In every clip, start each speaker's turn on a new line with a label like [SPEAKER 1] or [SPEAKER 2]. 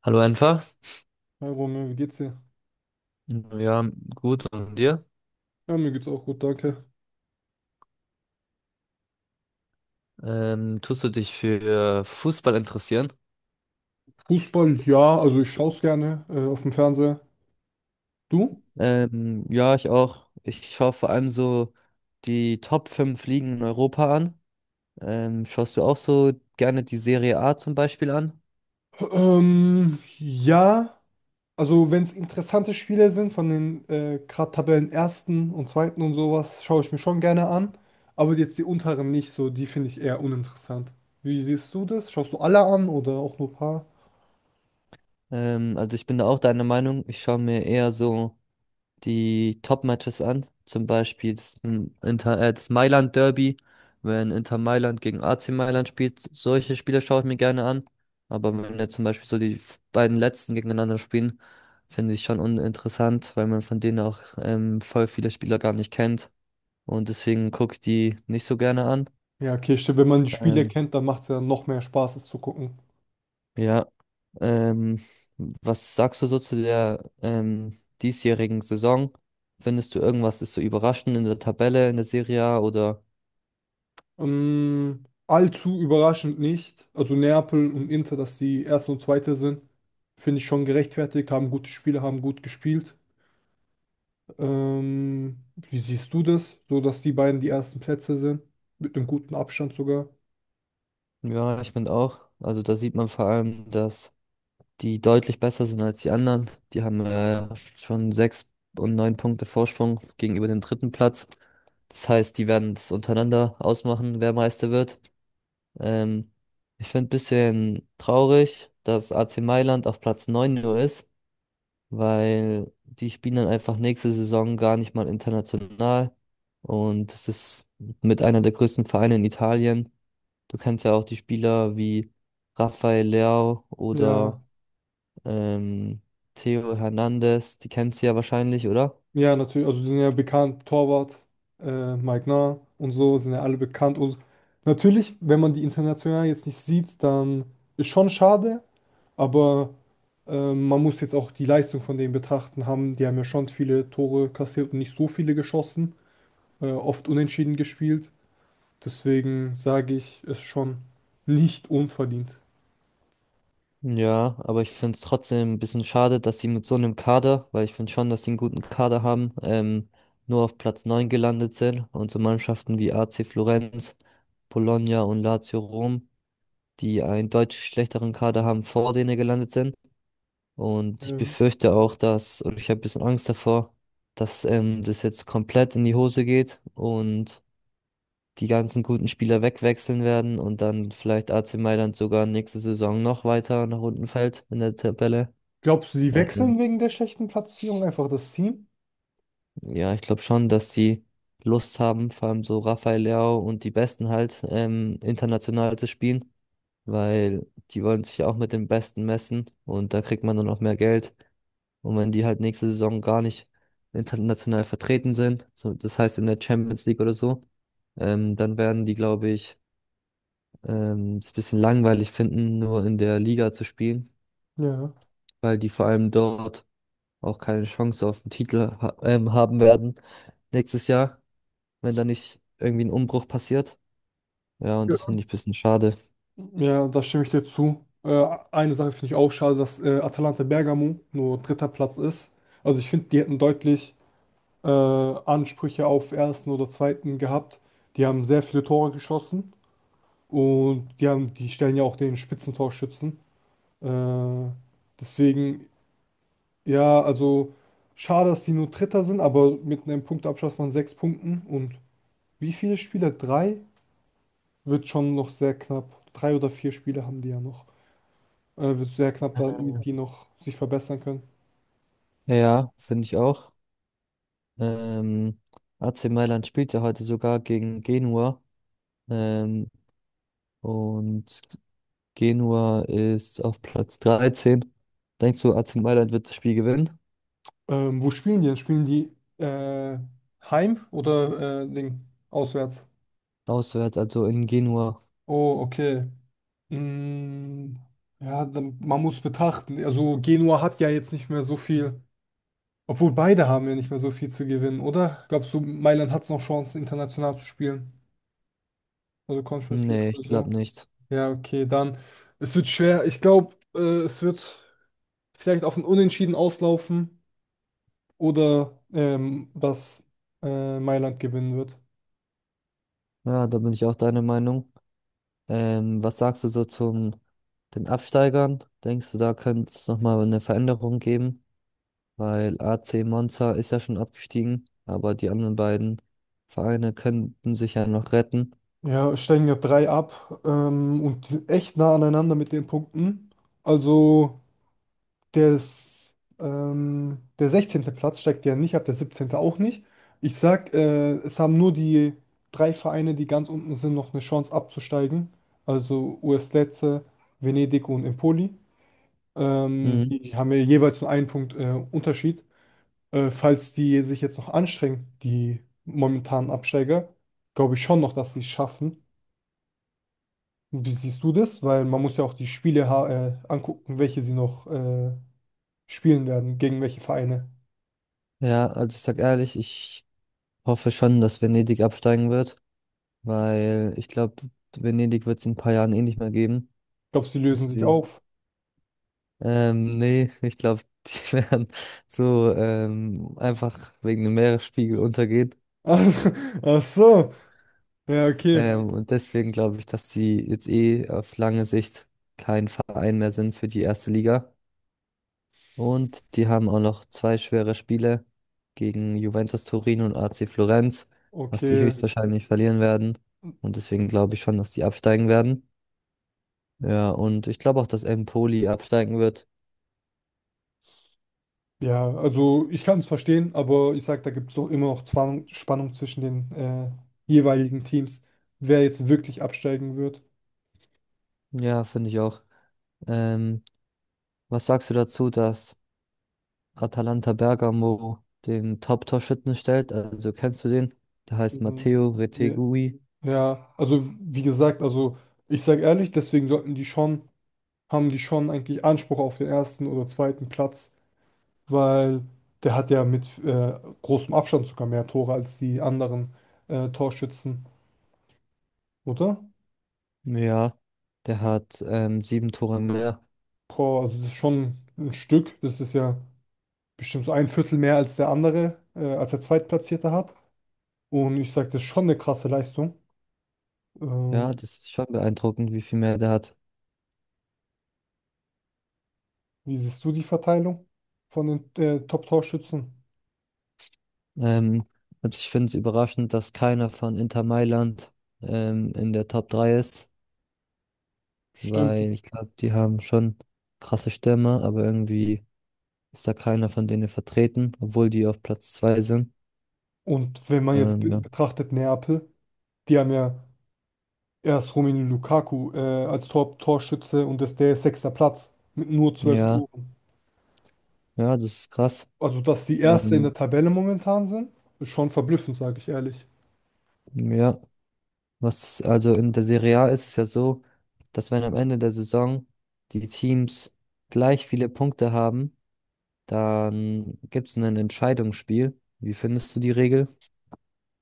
[SPEAKER 1] Hallo Enfer.
[SPEAKER 2] Hi Romeo, wie geht's dir?
[SPEAKER 1] Ja, gut. Und dir?
[SPEAKER 2] Ja, mir geht's auch gut, danke.
[SPEAKER 1] Tust du dich für Fußball interessieren?
[SPEAKER 2] Fußball, ja, also ich schaue es gerne auf dem Fernseher. Du?
[SPEAKER 1] Ja, ich auch. Ich schaue vor allem so die Top 5 Ligen in Europa an. Schaust du auch so gerne die Serie A zum Beispiel an?
[SPEAKER 2] Ja, also wenn es interessante Spiele sind von den gerade Tabellenersten und Zweiten und sowas, schaue ich mir schon gerne an. Aber jetzt die unteren nicht so, die finde ich eher uninteressant. Wie siehst du das? Schaust du alle an oder auch nur ein paar?
[SPEAKER 1] Also ich bin da auch deiner Meinung. Ich schaue mir eher so die Top-Matches an. Zum Beispiel das Mailand Derby, wenn Inter Mailand gegen AC Mailand spielt. Solche Spiele schaue ich mir gerne an. Aber wenn jetzt zum Beispiel so die beiden letzten gegeneinander spielen, finde ich schon uninteressant, weil man von denen auch voll viele Spieler gar nicht kennt. Und deswegen gucke ich die nicht so gerne an.
[SPEAKER 2] Ja, okay, stimmt, wenn man die Spiele
[SPEAKER 1] Ähm,
[SPEAKER 2] kennt, dann macht es ja noch mehr Spaß, es zu gucken.
[SPEAKER 1] Ja, ähm, was sagst du so zu der diesjährigen Saison? Findest du irgendwas ist so überraschend in der Tabelle, in der Serie A oder?
[SPEAKER 2] Allzu überraschend nicht. Also Neapel und Inter, dass die Erste und Zweite sind, finde ich schon gerechtfertigt, haben gute Spiele, haben gut gespielt. Wie siehst du das? So, dass die beiden die ersten Plätze sind, mit einem guten Abstand sogar.
[SPEAKER 1] Ja, ich finde auch. Also da sieht man vor allem, dass die deutlich besser sind als die anderen. Die haben schon sechs und neun Punkte Vorsprung gegenüber dem dritten Platz. Das heißt, die werden es untereinander ausmachen, wer Meister wird. Ähm, ich finde ein bisschen traurig, dass AC Mailand auf Platz 9 nur ist, weil die spielen dann einfach nächste Saison gar nicht mal international. Und es ist mit einer der größten Vereine in Italien. Du kennst ja auch die Spieler wie Rafael Leao oder
[SPEAKER 2] Ja,
[SPEAKER 1] ähm, Theo Hernandez, die kennst du ja wahrscheinlich, oder?
[SPEAKER 2] ja, natürlich, also die sind ja bekannt, Torwart, Mike Nah und so, sind ja alle bekannt. Und natürlich, wenn man die international jetzt nicht sieht, dann ist schon schade, aber man muss jetzt auch die Leistung von denen betrachten haben. Die haben ja schon viele Tore kassiert und nicht so viele geschossen, oft unentschieden gespielt. Deswegen sage ich, ist schon nicht unverdient.
[SPEAKER 1] Ja, aber ich finde es trotzdem ein bisschen schade, dass sie mit so einem Kader, weil ich finde schon, dass sie einen guten Kader haben, nur auf Platz 9 gelandet sind und so Mannschaften wie AC Florenz, Bologna und Lazio Rom, die einen deutlich schlechteren Kader haben, vor denen gelandet sind. Und ich
[SPEAKER 2] Ja.
[SPEAKER 1] befürchte auch, dass, oder ich habe ein bisschen Angst davor, dass das jetzt komplett in die Hose geht und die ganzen guten Spieler wegwechseln werden und dann vielleicht AC Mailand sogar nächste Saison noch weiter nach unten fällt in der Tabelle.
[SPEAKER 2] Glaubst du, die
[SPEAKER 1] Ähm,
[SPEAKER 2] wechseln wegen der schlechten Platzierung einfach das Team?
[SPEAKER 1] ja, ich glaube schon, dass die Lust haben, vor allem so Rafael Leao und die Besten halt international zu spielen, weil die wollen sich ja auch mit den Besten messen und da kriegt man dann auch mehr Geld. Und wenn die halt nächste Saison gar nicht international vertreten sind, so, das heißt in der Champions League oder so, dann werden die, glaube ich, es ein bisschen langweilig finden, nur in der Liga zu spielen,
[SPEAKER 2] Ja.
[SPEAKER 1] weil die vor allem dort auch keine Chance auf den Titel ha haben werden nächstes Jahr, wenn da nicht irgendwie ein Umbruch passiert. Ja, und das
[SPEAKER 2] Ja,
[SPEAKER 1] finde ich ein bisschen schade.
[SPEAKER 2] Ja, da stimme ich dir zu. Eine Sache finde ich auch schade, dass Atalanta Bergamo nur dritter Platz ist. Also ich finde, die hätten deutlich Ansprüche auf ersten oder zweiten gehabt. Die haben sehr viele Tore geschossen. Und die haben, die stellen ja auch den Spitzentorschützen. Äh, Deswegen, ja, also schade, dass die nur Dritter sind, aber mit einem Punktabstand von sechs Punkten und wie viele Spiele? Drei? Wird schon noch sehr knapp. Drei oder vier Spiele haben die ja noch. Wird sehr knapp, damit die noch sich verbessern können.
[SPEAKER 1] Ja, finde ich auch. Ähm, AC Mailand spielt ja heute sogar gegen Genua. Ähm, und Genua ist auf Platz 13. Denkst du, AC Mailand wird das Spiel gewinnen?
[SPEAKER 2] Wo spielen die denn? Spielen die äh, heim oder Ding? Auswärts?
[SPEAKER 1] Auswärts, also in Genua.
[SPEAKER 2] Oh, okay. Mm, Ja, dann, man muss betrachten. Also Genua hat ja jetzt nicht mehr so viel, obwohl beide haben ja nicht mehr so viel zu gewinnen, oder? Glaubst du, Mailand hat es noch Chancen, international zu spielen? Also Conference League
[SPEAKER 1] Nee, ich
[SPEAKER 2] oder
[SPEAKER 1] glaube
[SPEAKER 2] so?
[SPEAKER 1] nicht.
[SPEAKER 2] Ja, okay, dann. Es wird schwer. Ich glaube, es wird vielleicht auf ein Unentschieden auslaufen oder dass Mailand gewinnen wird.
[SPEAKER 1] Ja, da bin ich auch deiner Meinung. Was sagst du so zum den Absteigern? Denkst du, da könnte es nochmal eine Veränderung geben? Weil AC Monza ist ja schon abgestiegen, aber die anderen beiden Vereine könnten sich ja noch retten.
[SPEAKER 2] Ja, steigen ja drei ab und die sind echt nah aneinander mit den Punkten. Also. Der 16. Platz steigt ja nicht ab, der siebzehnte auch nicht. Ich sag, es haben nur die drei Vereine, die ganz unten sind, noch eine Chance abzusteigen. Also US Lecce, Venedig und Empoli.
[SPEAKER 1] Mhm.
[SPEAKER 2] Die haben ja jeweils nur einen Punkt Unterschied. Falls die sich jetzt noch anstrengen, die momentanen Absteiger, glaube ich schon noch, dass sie es schaffen. Und wie siehst du das? Weil man muss ja auch die Spiele angucken, welche sie noch spielen werden, gegen welche Vereine.
[SPEAKER 1] Ja, also ich sag ehrlich, ich hoffe schon, dass Venedig absteigen wird, weil ich glaube, Venedig wird es in ein paar Jahren eh nicht mehr geben.
[SPEAKER 2] Glaubst du, die lösen sich
[SPEAKER 1] Deswegen.
[SPEAKER 2] auf?
[SPEAKER 1] Nee, ich glaube, die werden so einfach wegen dem Meeresspiegel untergehen.
[SPEAKER 2] Ach so. Ja, okay.
[SPEAKER 1] Und deswegen glaube ich, dass sie jetzt eh auf lange Sicht kein Verein mehr sind für die erste Liga. Und die haben auch noch zwei schwere Spiele gegen Juventus Turin und AC Florenz, was die
[SPEAKER 2] Okay.
[SPEAKER 1] höchstwahrscheinlich verlieren werden. Und deswegen glaube ich schon, dass die absteigen werden. Ja, und ich glaube auch, dass Empoli absteigen wird.
[SPEAKER 2] Ja, also ich kann es verstehen, aber ich sag, da gibt es doch immer noch Zwang, Spannung zwischen den jeweiligen Teams, wer jetzt wirklich absteigen wird.
[SPEAKER 1] Ja, finde ich auch. Ähm, was sagst du dazu, dass Atalanta Bergamo den Top-Torschützen stellt? Also kennst du den? Der heißt
[SPEAKER 2] Mhm.
[SPEAKER 1] Matteo
[SPEAKER 2] Ja,
[SPEAKER 1] Retegui.
[SPEAKER 2] Ja, also wie gesagt, also ich sage ehrlich, deswegen sollten die schon, haben die schon eigentlich Anspruch auf den ersten oder zweiten Platz, weil der hat ja mit großem Abstand sogar mehr Tore als die anderen Torschützen, oder?
[SPEAKER 1] Ja, der hat sieben Tore mehr.
[SPEAKER 2] Boah, also das ist schon ein Stück. Das ist ja bestimmt so ein Viertel mehr als der andere, als der Zweitplatzierte hat. Und ich sage, das ist schon eine krasse Leistung. Äh,
[SPEAKER 1] Ja, das ist schon beeindruckend, wie viel mehr der hat.
[SPEAKER 2] Wie siehst du die Verteilung von den Top-Torschützen?
[SPEAKER 1] Ähm, also ich finde es überraschend, dass keiner von Inter Mailand in der Top 3 ist,
[SPEAKER 2] Stimmt.
[SPEAKER 1] weil ich glaube, die haben schon krasse Stürmer, aber irgendwie ist da keiner von denen vertreten, obwohl die auf Platz zwei sind.
[SPEAKER 2] Und wenn man jetzt
[SPEAKER 1] Ähm,
[SPEAKER 2] be
[SPEAKER 1] ja.
[SPEAKER 2] betrachtet, Neapel, die haben ja erst Romelu Lukaku als Top-Torschütze und das ist der sechster Platz mit nur zwölf
[SPEAKER 1] Ja,
[SPEAKER 2] Toren.
[SPEAKER 1] ja, das ist krass.
[SPEAKER 2] Also, dass die Erste in der
[SPEAKER 1] Ähm,
[SPEAKER 2] Tabelle momentan sind, ist schon verblüffend, sage ich ehrlich.
[SPEAKER 1] ja, was also in der Serie A ist es ja so, dass wenn am Ende der Saison die Teams gleich viele Punkte haben, dann gibt es ein Entscheidungsspiel. Wie findest du die Regel?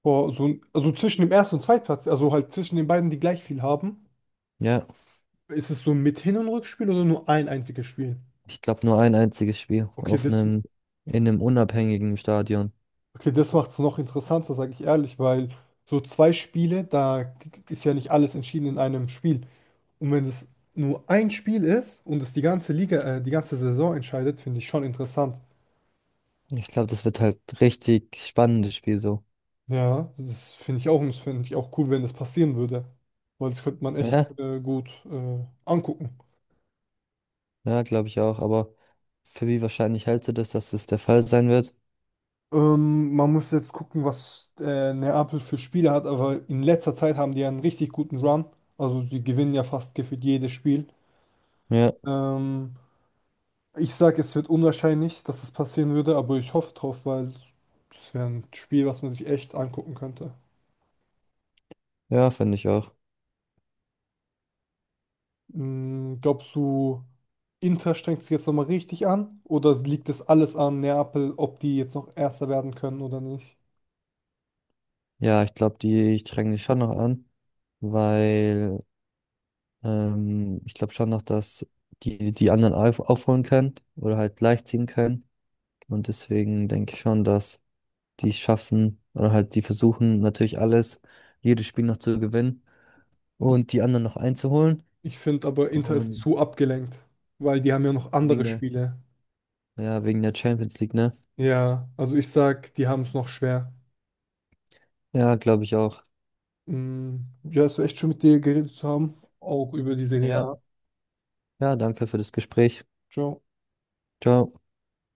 [SPEAKER 2] Boah, so, also zwischen dem ersten und Zweitplatz, also halt zwischen den beiden, die gleich viel haben,
[SPEAKER 1] Ja,
[SPEAKER 2] ist es so mit Hin- und Rückspiel oder nur ein einziges Spiel?
[SPEAKER 1] ich glaube nur ein einziges Spiel
[SPEAKER 2] Okay,
[SPEAKER 1] auf
[SPEAKER 2] das,
[SPEAKER 1] einem in einem unabhängigen Stadion.
[SPEAKER 2] okay, das macht es noch interessanter, sage ich ehrlich, weil so zwei Spiele, da ist ja nicht alles entschieden in einem Spiel. Und wenn es nur ein Spiel ist und es die ganze Saison entscheidet, finde ich schon interessant.
[SPEAKER 1] Ich glaube, das wird halt richtig spannendes Spiel so.
[SPEAKER 2] Ja, das finde ich auch und das finde ich auch cool, wenn das passieren würde. Weil das könnte man echt
[SPEAKER 1] Ja.
[SPEAKER 2] gut angucken.
[SPEAKER 1] Ja, glaube ich auch, aber für wie wahrscheinlich hältst du das, dass das der Fall sein wird?
[SPEAKER 2] Man muss jetzt gucken, was Neapel für Spiele hat, aber in letzter Zeit haben die ja einen richtig guten Run. Also die gewinnen ja fast gefühlt jedes Spiel.
[SPEAKER 1] Ja,
[SPEAKER 2] Ähm, Ich sage, es wird unwahrscheinlich, dass es passieren würde, aber ich hoffe drauf, weil es wäre ein Spiel, was man sich echt angucken könnte.
[SPEAKER 1] ja, finde ich auch.
[SPEAKER 2] Glaubst du, Inter strengt sich jetzt nochmal richtig an? Oder liegt es alles an Neapel, ob die jetzt noch Erster werden können oder nicht?
[SPEAKER 1] Ja, ich glaube, die ich drängen dich schon noch an, weil ich glaube schon noch, dass die die anderen aufholen können oder halt gleichziehen können. Und deswegen denke ich schon, dass die es schaffen oder halt die versuchen natürlich alles, jedes Spiel noch zu gewinnen und die anderen noch einzuholen.
[SPEAKER 2] Ich finde aber, Inter ist
[SPEAKER 1] Und
[SPEAKER 2] zu abgelenkt, weil die haben ja noch
[SPEAKER 1] wegen
[SPEAKER 2] andere
[SPEAKER 1] der,
[SPEAKER 2] Spiele.
[SPEAKER 1] ja, wegen der Champions League, ne?
[SPEAKER 2] Ja, also ich sag, die haben es noch schwer.
[SPEAKER 1] Ja, glaube ich auch.
[SPEAKER 2] Mm, Ja, es war echt schön mit dir geredet zu haben, auch über die Serie
[SPEAKER 1] Ja.
[SPEAKER 2] A.
[SPEAKER 1] Ja, danke für das Gespräch.
[SPEAKER 2] Ciao.
[SPEAKER 1] Ciao.